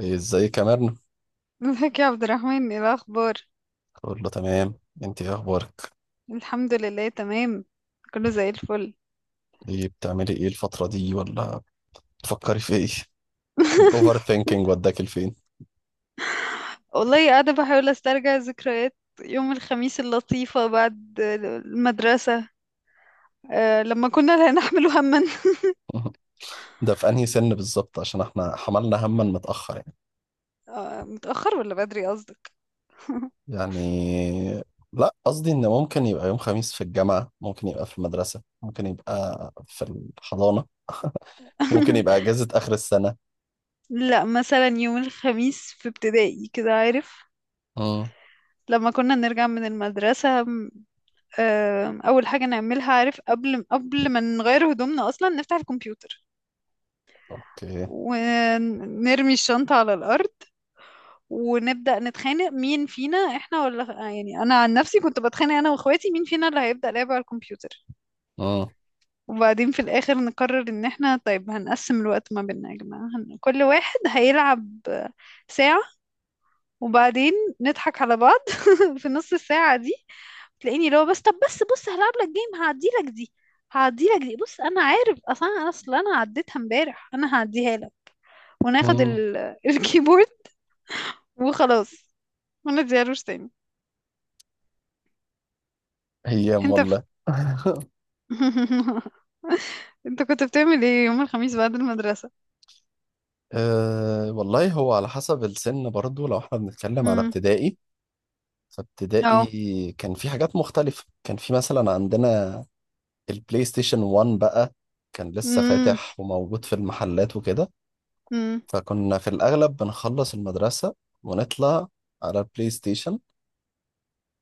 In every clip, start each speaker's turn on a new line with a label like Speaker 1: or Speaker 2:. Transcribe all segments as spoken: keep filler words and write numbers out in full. Speaker 1: إيه، ازاي كمان؟
Speaker 2: ازيك يا عبد الرحمن، ايه الاخبار؟
Speaker 1: اقول له تمام. انت ايه اخبارك؟
Speaker 2: الحمد لله، تمام. كله زي الفل.
Speaker 1: ايه بتعملي ايه الفترة دي، ولا بتفكري في ايه؟ الاوفر ثينكينج وداك لفين.
Speaker 2: والله قاعده بحاول استرجع ذكريات يوم الخميس اللطيفه بعد المدرسه، أه لما كنا لا نحمل هما.
Speaker 1: ده في انهي سن بالظبط؟ عشان احنا حملنا هما متأخر يعني
Speaker 2: أه، متاخر ولا بدري قصدك؟
Speaker 1: يعني لا، قصدي ان ممكن يبقى يوم خميس في الجامعة، ممكن يبقى في المدرسة، ممكن يبقى في الحضانة، ممكن يبقى اجازة اخر السنة.
Speaker 2: لا، مثلا يوم الخميس في ابتدائي كده، عارف،
Speaker 1: امم.
Speaker 2: لما كنا نرجع من المدرسة، أه أول حاجة نعملها، عارف، قبل قبل ما نغير هدومنا أصلا، نفتح الكمبيوتر
Speaker 1: اوكي.
Speaker 2: ونرمي الشنطة على الأرض، ونبدأ نتخانق مين فينا احنا، ولا يعني أنا عن نفسي كنت بتخانق أنا وأخواتي مين فينا اللي هيبدأ لعب على الكمبيوتر.
Speaker 1: امم.
Speaker 2: وبعدين في الآخر نقرر إن احنا طيب، هنقسم الوقت ما بيننا يا جماعة، هن- كل واحد هيلعب ساعة. وبعدين نضحك على بعض في نص الساعة دي. تلاقيني، لو بس، طب بس بص، هلعب لك جيم، هعدي لك دي. هعدي لك دي، بص انا عارف اصلا، انا اصلا، انا عديتها امبارح، انا هعديها لك. وناخد
Speaker 1: امم.
Speaker 2: ال... الكيبورد وخلاص، ما تزيروش تاني.
Speaker 1: ايام
Speaker 2: انت ف...
Speaker 1: والله.
Speaker 2: انت كنت بتعمل ايه يوم الخميس بعد المدرسة؟
Speaker 1: أه والله، هو على حسب السن برضو، لو احنا بنتكلم على
Speaker 2: امم.
Speaker 1: ابتدائي.
Speaker 2: اه.
Speaker 1: فابتدائي كان في حاجات مختلفة، كان في مثلا عندنا البلاي ستيشن وان بقى، كان لسه
Speaker 2: امم.
Speaker 1: فاتح وموجود في المحلات وكده.
Speaker 2: امم.
Speaker 1: فكنا في الأغلب بنخلص المدرسة ونطلع على البلاي ستيشن،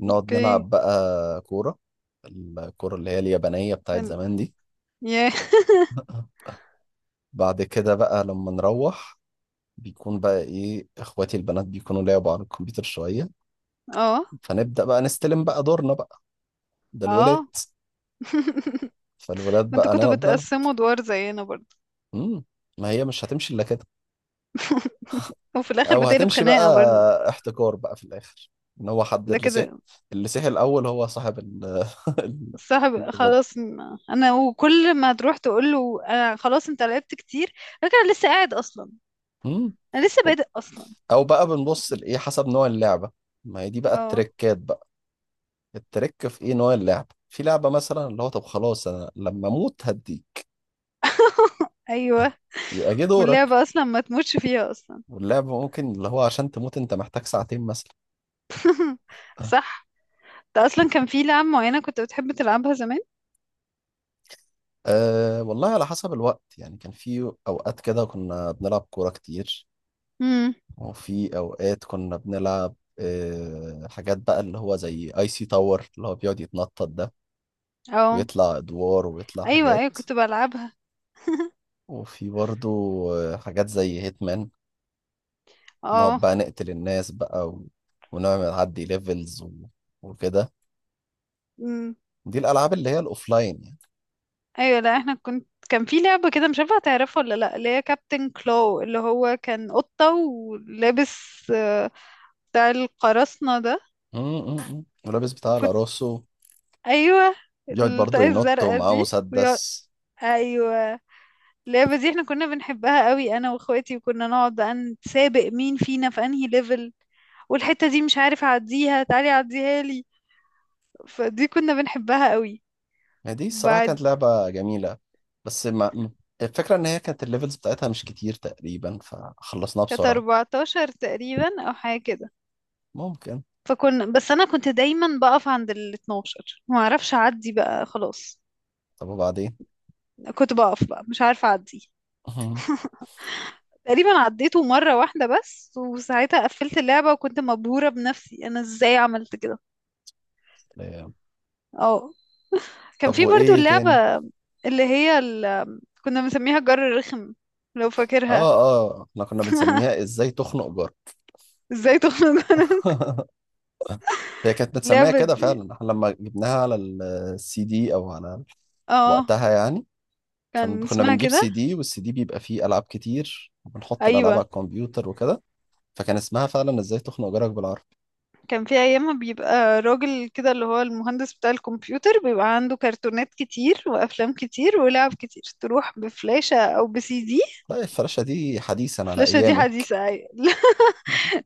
Speaker 1: نقعد
Speaker 2: اوكي.
Speaker 1: نلعب بقى كورة، الكورة اللي هي اليابانية بتاعت
Speaker 2: ال-
Speaker 1: زمان دي.
Speaker 2: ياه.
Speaker 1: بعد كده بقى لما نروح، بيكون بقى ايه، اخواتي البنات بيكونوا لعبوا على الكمبيوتر شوية،
Speaker 2: اه.
Speaker 1: فنبدأ بقى نستلم بقى دورنا بقى، ده الولاد،
Speaker 2: اه.
Speaker 1: فالولاد
Speaker 2: ما انتوا
Speaker 1: بقى
Speaker 2: كنتوا
Speaker 1: نقعد لها.
Speaker 2: بتقسموا ادوار زينا برضه؟
Speaker 1: امم. ما هي مش هتمشي إلا كده،
Speaker 2: وفي الاخر
Speaker 1: أو
Speaker 2: بتقلب
Speaker 1: هتمشي بقى،
Speaker 2: خناقة برضه.
Speaker 1: احتكار بقى في الآخر، إن هو حد
Speaker 2: ده
Speaker 1: اللي سيح،
Speaker 2: كده.
Speaker 1: اللي سيح الأول هو صاحب ال ال-
Speaker 2: الصاحب
Speaker 1: الولاد.
Speaker 2: خلاص. م- انا، وكل ما تروح تقول له انا خلاص انت لعبت كتير، لكن انا لسه قاعد اصلا.
Speaker 1: امم.
Speaker 2: انا لسه بادئ اصلا.
Speaker 1: أو بقى بنبص لإيه حسب نوع اللعبة، ما هي دي بقى
Speaker 2: اه.
Speaker 1: التريكات بقى. التريك في إيه نوع اللعبة، في لعبة مثلا اللي هو طب خلاص أنا لما أموت هديك
Speaker 2: ايوه.
Speaker 1: يبقى جه دورك،
Speaker 2: واللعبة اصلا ما تموتش فيها اصلا.
Speaker 1: واللعبة ممكن اللي هو عشان تموت أنت محتاج ساعتين مثلا.
Speaker 2: صح. انت اصلا كان في لعبة معينة كنت بتحب تلعبها زمان؟
Speaker 1: أه والله، على حسب الوقت يعني كان في أوقات كده كنا بنلعب كورة كتير،
Speaker 2: امم.
Speaker 1: وفي أوقات كنا بنلعب أه حاجات بقى اللي هو زي اي سي تاور اللي هو بيقعد يتنطط ده،
Speaker 2: اه.
Speaker 1: ويطلع أدوار ويطلع
Speaker 2: ايوه،
Speaker 1: حاجات.
Speaker 2: ايوه كنت بلعبها.
Speaker 1: وفي برضو آه، حاجات زي هيتمان، نقعد
Speaker 2: اه.
Speaker 1: بقى نقتل الناس بقى، و... ونعمل عدي ليفلز، و... وكده.
Speaker 2: امم.
Speaker 1: دي الألعاب اللي هي الأوفلاين يعني.
Speaker 2: ايوه. لا احنا كنت كان في لعبة كده، مش عارفة هتعرفها ولا لا، اللي هي كابتن كلو اللي هو كان قطة ولابس آه، بتاع القراصنة ده.
Speaker 1: م- م- م. ولابس بتاع
Speaker 2: كنت.
Speaker 1: الأراسو،
Speaker 2: ايوه.
Speaker 1: بيقعد برضو
Speaker 2: الطاقية
Speaker 1: ينط
Speaker 2: الزرقاء
Speaker 1: ومعاه
Speaker 2: دي. ويقعد-
Speaker 1: مسدس.
Speaker 2: ايوه. اللعبة دي احنا كنا بنحبها قوي انا واخواتي، وكنا نقعد بقى نتسابق مين فينا في انهي ليفل. والحتة دي مش عارف اعديها، تعالي عديها لي. فدي كنا بنحبها قوي.
Speaker 1: يعني دي الصراحة
Speaker 2: بعد
Speaker 1: كانت لعبة جميلة. بس ما م- الفكرة إن هي كانت الليفلز بتاعتها مش كتير تقريبا، فخلصناها
Speaker 2: كانت
Speaker 1: بسرعة.
Speaker 2: اربعتاشر تقريبا او حاجه كده.
Speaker 1: ممكن.
Speaker 2: فكنا، بس انا كنت دايما بقف عند ال اتناشر، ما اعرفش اعدي بقى خلاص.
Speaker 1: طب وبعدين.
Speaker 2: كنت بقف بقى، مش عارفه اعدي. تقريبا عديته مره واحده بس، وساعتها قفلت اللعبه، وكنت مبهوره بنفسي انا ازاي عملت كده.
Speaker 1: آه،
Speaker 2: اه. كان
Speaker 1: طب
Speaker 2: في برضو
Speaker 1: وإيه
Speaker 2: اللعبه
Speaker 1: تاني؟
Speaker 2: اللي هي ال... كنا بنسميها جر الرخم، لو فاكرها.
Speaker 1: آه آه، إحنا كنا بنسميها إزاي تخنق جار.
Speaker 2: ازاي تخنق.
Speaker 1: هي كانت متسمية
Speaker 2: اللعبه
Speaker 1: كده
Speaker 2: دي.
Speaker 1: فعلا. إحنا لما جبناها على السي دي أو على
Speaker 2: اه.
Speaker 1: وقتها يعني، كان
Speaker 2: كان
Speaker 1: كنا
Speaker 2: اسمها
Speaker 1: بنجيب
Speaker 2: كده.
Speaker 1: سي دي، والسي دي بيبقى فيه ألعاب كتير، وبنحط الألعاب
Speaker 2: ايوه.
Speaker 1: على الكمبيوتر وكده. فكان اسمها فعلا إزاي تخنق جارك بالعربي.
Speaker 2: كان في ايام ما بيبقى راجل كده اللي هو المهندس بتاع الكمبيوتر، بيبقى عنده كرتونات كتير وافلام كتير ولعب كتير، تروح بفلاشة او بسي دي.
Speaker 1: لا، الفراشة دي حديثا على
Speaker 2: الفلاشة دي
Speaker 1: أيامك.
Speaker 2: حديثة أي؟ لا.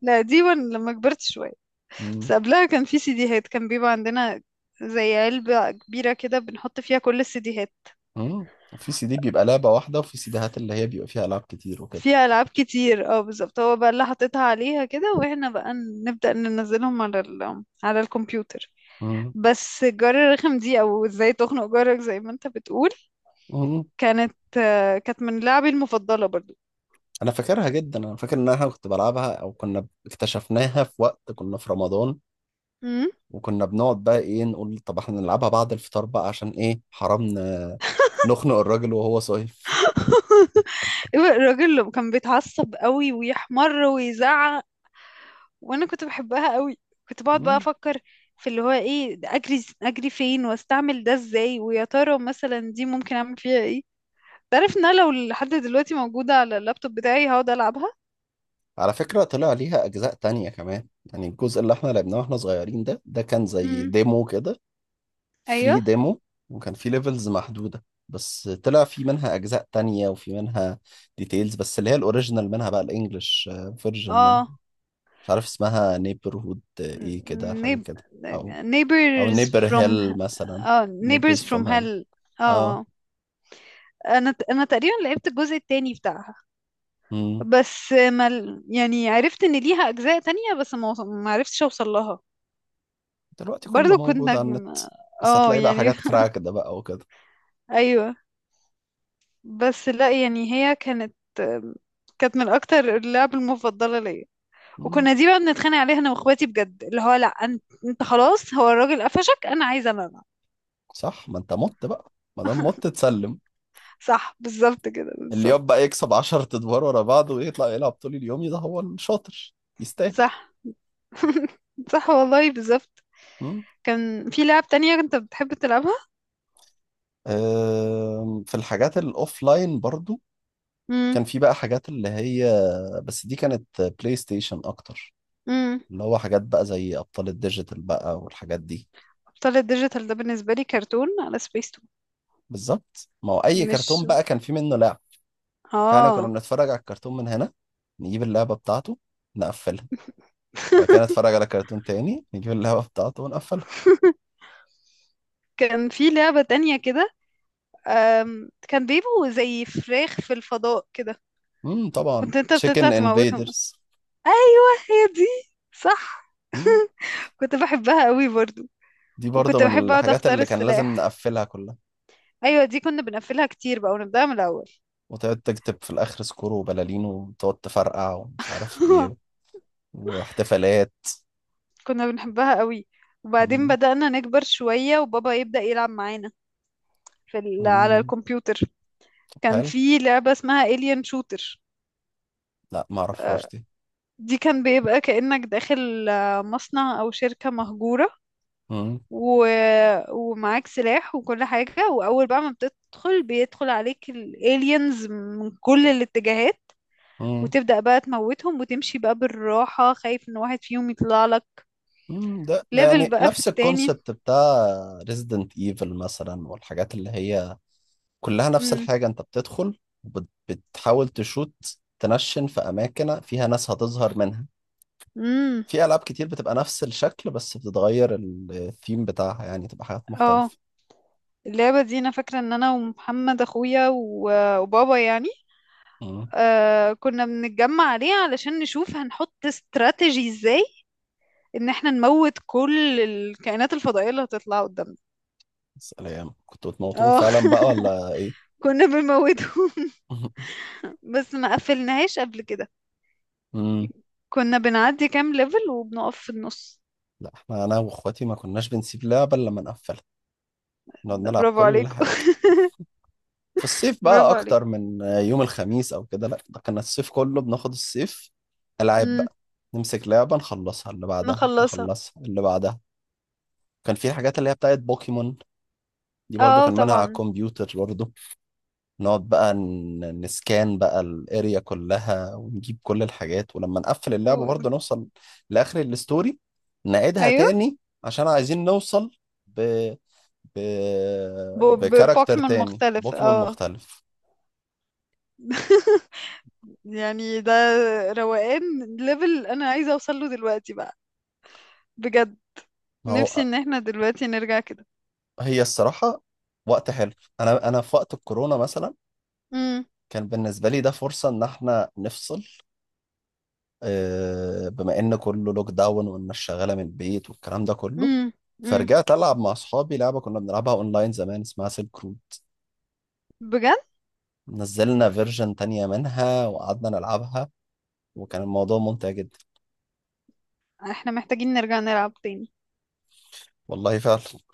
Speaker 2: لا، دي وأنا لما كبرت شوية.
Speaker 1: مم.
Speaker 2: بس قبلها كان في سيديهات، كان بيبقى عندنا زي علبة كبيرة كده بنحط فيها كل السيديهات.
Speaker 1: مم. في سي دي بيبقى لعبة واحدة، وفي سيديهات اللي هي بيبقى فيها ألعاب كتير وكده.
Speaker 2: فيها ألعاب كتير، اه بالظبط، هو بقى اللي حاططها عليها كده، واحنا بقى نبدأ ننزلهم على ال على الكمبيوتر.
Speaker 1: مم.
Speaker 2: بس الجار الرخم دي، او ازاي تخنق جارك زي ما انت بتقول،
Speaker 1: مم.
Speaker 2: كانت آه، كانت من لعبي المفضلة برضو.
Speaker 1: أنا فاكرها جدا، أنا فاكر إن أنا كنت بلعبها أو كنا اكتشفناها في وقت كنا في رمضان،
Speaker 2: مم.
Speaker 1: وكنا بنقعد بقى إيه نقول طب إحنا نلعبها بعد الفطار بقى، عشان إيه حرام ن- نخنق الراجل وهو صايم.
Speaker 2: الراجل اللي كان بيتعصب قوي ويحمر ويزعق. وانا كنت بحبها قوي. كنت بقعد بقى
Speaker 1: مم.
Speaker 2: افكر في اللي هو ايه ده، اجري اجري فين، واستعمل ده ازاي، ويا ترى مثلا دي ممكن اعمل فيها ايه. تعرف ان انا لو لحد دلوقتي موجودة على اللابتوب بتاعي هقعد العبها.
Speaker 1: على فكرة طلع ليها أجزاء تانية كمان، يعني الجزء اللي إحنا لعبناه وإحنا صغيرين ده ده كان زي
Speaker 2: امم.
Speaker 1: ديمو كده،
Speaker 2: ايوه.
Speaker 1: فري ديمو. وكان في ليفلز محدودة، بس طلع في منها أجزاء تانية وفي منها ديتيلز، بس اللي هي الأوريجينال منها بقى الإنجليش فيرجن منها،
Speaker 2: اه.
Speaker 1: مش عارف اسمها نيبرهود إيه كده حاجة
Speaker 2: نيب...
Speaker 1: كده، أو أو
Speaker 2: neighbors
Speaker 1: نيبر
Speaker 2: from
Speaker 1: هيل مثلا،
Speaker 2: اه neighbors
Speaker 1: نيبرز
Speaker 2: from
Speaker 1: فروم هيل.
Speaker 2: hell. اه.
Speaker 1: أه.
Speaker 2: آه. انا ت- انا تقريبا لعبت الجزء التاني بتاعها.
Speaker 1: مم.
Speaker 2: بس ما ال- يعني عرفت ان ليها اجزاء تانية، بس ما وص- ما عرفتش اوصل لها.
Speaker 1: دلوقتي كله
Speaker 2: برضو كنت
Speaker 1: موجود على
Speaker 2: نجم.
Speaker 1: النت، بس
Speaker 2: اه
Speaker 1: هتلاقي بقى
Speaker 2: يعني.
Speaker 1: حاجات كراك ده بقى وكده.
Speaker 2: ايوه. بس لا يعني، هي كانت كانت من اكتر اللعب المفضله ليا.
Speaker 1: مم.
Speaker 2: وكنا دي بقى بنتخانق عليها انا واخواتي بجد، اللي هو لا انت, انت خلاص، هو الراجل قفشك انا عايزه انا بقى.
Speaker 1: صح، ما أنت مت بقى، ما دام مت تسلم.
Speaker 2: صح بالظبط كده
Speaker 1: اللي يبقى
Speaker 2: بالظبط.
Speaker 1: يكسب عشرة أدوار ورا بعض ويطلع يلعب طول اليوم ده هو الشاطر. يستاهل.
Speaker 2: صح. صح والله بالظبط.
Speaker 1: مم.
Speaker 2: كان في لعب تانية كنت بتحب تلعبها؟
Speaker 1: أم، في الحاجات الاوفلاين برضو، كان في بقى حاجات اللي هي، بس دي كانت بلاي ستيشن اكتر،
Speaker 2: امم.
Speaker 1: اللي هو حاجات بقى زي ابطال الديجيتال بقى والحاجات دي.
Speaker 2: طلع الديجيتال ده بالنسبة لي كرتون على سبيستون.
Speaker 1: بالظبط، ما هو اي
Speaker 2: مش.
Speaker 1: كرتون بقى كان في منه لعب، فاحنا كنا
Speaker 2: اه.
Speaker 1: بنتفرج على الكرتون من هنا، نجيب اللعبة بتاعته، نقفلها. بعد كده نتفرج على كرتون تاني، نجيب اللعبة بتاعته ونقفلها.
Speaker 2: كان في لعبة تانية كده، أم، كان بيبقوا زي فراخ في الفضاء كده.
Speaker 1: امم طبعا،
Speaker 2: كنت انت بتطلع
Speaker 1: تشيكن
Speaker 2: تموتهم.
Speaker 1: انفيدرز.
Speaker 2: ايوه، هي دي صح.
Speaker 1: امم
Speaker 2: كنت بحبها قوي برضو.
Speaker 1: دي برضو
Speaker 2: وكنت
Speaker 1: من
Speaker 2: بحب اقعد
Speaker 1: الحاجات
Speaker 2: اختار
Speaker 1: اللي كان لازم
Speaker 2: السلاح.
Speaker 1: نقفلها كلها،
Speaker 2: ايوه، دي كنا بنقفلها كتير بقى ونبدأها من الاول.
Speaker 1: وتقعد تكتب في الآخر سكور وبلالين وتقعد تفرقع ومش عارف إيه، واحتفالات.
Speaker 2: كنا بنحبها قوي. وبعدين
Speaker 1: مم.
Speaker 2: بدأنا نكبر شوية، وبابا يبدأ يلعب معانا في ال... على
Speaker 1: مم.
Speaker 2: الكمبيوتر.
Speaker 1: طب،
Speaker 2: كان
Speaker 1: حلو.
Speaker 2: في لعبة اسمها Alien Shooter.
Speaker 1: لا، ما أعرفهاش
Speaker 2: آه،
Speaker 1: دي.
Speaker 2: دي كان بيبقى كأنك داخل آه، مصنع أو شركة مهجورة.
Speaker 1: مم.
Speaker 2: و... ومعاك سلاح وكل حاجة، وأول بقى ما بتدخل بيدخل عليك الالينز من كل الاتجاهات،
Speaker 1: مم.
Speaker 2: وتبدأ بقى تموتهم وتمشي بقى بالراحة خايف إن واحد فيهم يطلع لك.
Speaker 1: مم. ده ده
Speaker 2: ليفل
Speaker 1: يعني
Speaker 2: بقى في
Speaker 1: نفس
Speaker 2: التاني.
Speaker 1: الكونسبت بتاع ريزيدنت ايفل مثلا، والحاجات اللي هي كلها نفس
Speaker 2: امم.
Speaker 1: الحاجة، انت بتدخل وبت- بتحاول تشوت، تنشن في أماكن فيها ناس هتظهر منها.
Speaker 2: امم.
Speaker 1: في ألعاب كتير بتبقى نفس الشكل، بس بتتغير الثيم بتاعها، يعني تبقى حاجات
Speaker 2: اه.
Speaker 1: مختلفة.
Speaker 2: اللعبة دي أنا فاكرة إن أنا ومحمد أخويا و... وبابا يعني، آه كنا بنتجمع عليه علشان نشوف هنحط استراتيجي ازاي ان احنا نموت كل الكائنات الفضائية اللي هتطلع قدامنا.
Speaker 1: سلام، كنتوا بتموتون
Speaker 2: اه.
Speaker 1: فعلا بقى ولا ايه؟
Speaker 2: كنا بنموتهم. بس ما قفلناهاش قبل كده.
Speaker 1: امم.
Speaker 2: كنا بنعدي كام ليفل وبنقف في النص.
Speaker 1: لا، احنا انا واخواتي ما كناش بنسيب لعبة الا لما نقفلها، نقعد نلعب
Speaker 2: برافو
Speaker 1: كل
Speaker 2: عليكم.
Speaker 1: حاجة. في الصيف بقى
Speaker 2: برافو عليك.
Speaker 1: اكتر من يوم الخميس او كده، لا ده كان الصيف كله، بناخد الصيف العاب
Speaker 2: امم.
Speaker 1: بقى. نمسك لعبة نخلصها، اللي بعدها
Speaker 2: نخلصها.
Speaker 1: نخلصها، اللي بعدها. كان في حاجات اللي هي بتاعت بوكيمون، دي برضو
Speaker 2: اه
Speaker 1: كان منها على
Speaker 2: طبعا.
Speaker 1: الكمبيوتر برضو. نقعد بقى ن- نسكان بقى الاريا كلها، ونجيب كل الحاجات، ولما نقفل اللعبة
Speaker 2: و-
Speaker 1: برضه نوصل لآخر الستوري، نعيدها
Speaker 2: ايوه.
Speaker 1: تاني عشان عايزين نوصل ب... ب...
Speaker 2: ب-
Speaker 1: بكاركتر
Speaker 2: ببوكيمون
Speaker 1: تاني
Speaker 2: مختلف.
Speaker 1: بوكيمون
Speaker 2: اه.
Speaker 1: مختلف.
Speaker 2: يعني ده روقان، ليفل انا عايزه اوصل له دلوقتي بقى. بجد،
Speaker 1: ما
Speaker 2: نفسي
Speaker 1: هو
Speaker 2: ان احنا دلوقتي نرجع كده.
Speaker 1: هي الصراحة وقت حلو. انا انا في وقت الكورونا مثلا،
Speaker 2: امم.
Speaker 1: كان بالنسبة لي ده فرصة ان احنا نفصل، آه، بما ان كله لوك داون والناس شغاله من البيت والكلام ده كله.
Speaker 2: امم. امم.
Speaker 1: فرجعت العب مع اصحابي لعبه كنا بنلعبها اونلاين زمان، اسمها سيلك رود.
Speaker 2: بجد،
Speaker 1: نزلنا فيرجن تانية منها وقعدنا نلعبها، وكان الموضوع ممتع جدا.
Speaker 2: احنا محتاجين نرجع نلعب تاني.
Speaker 1: والله فعلا.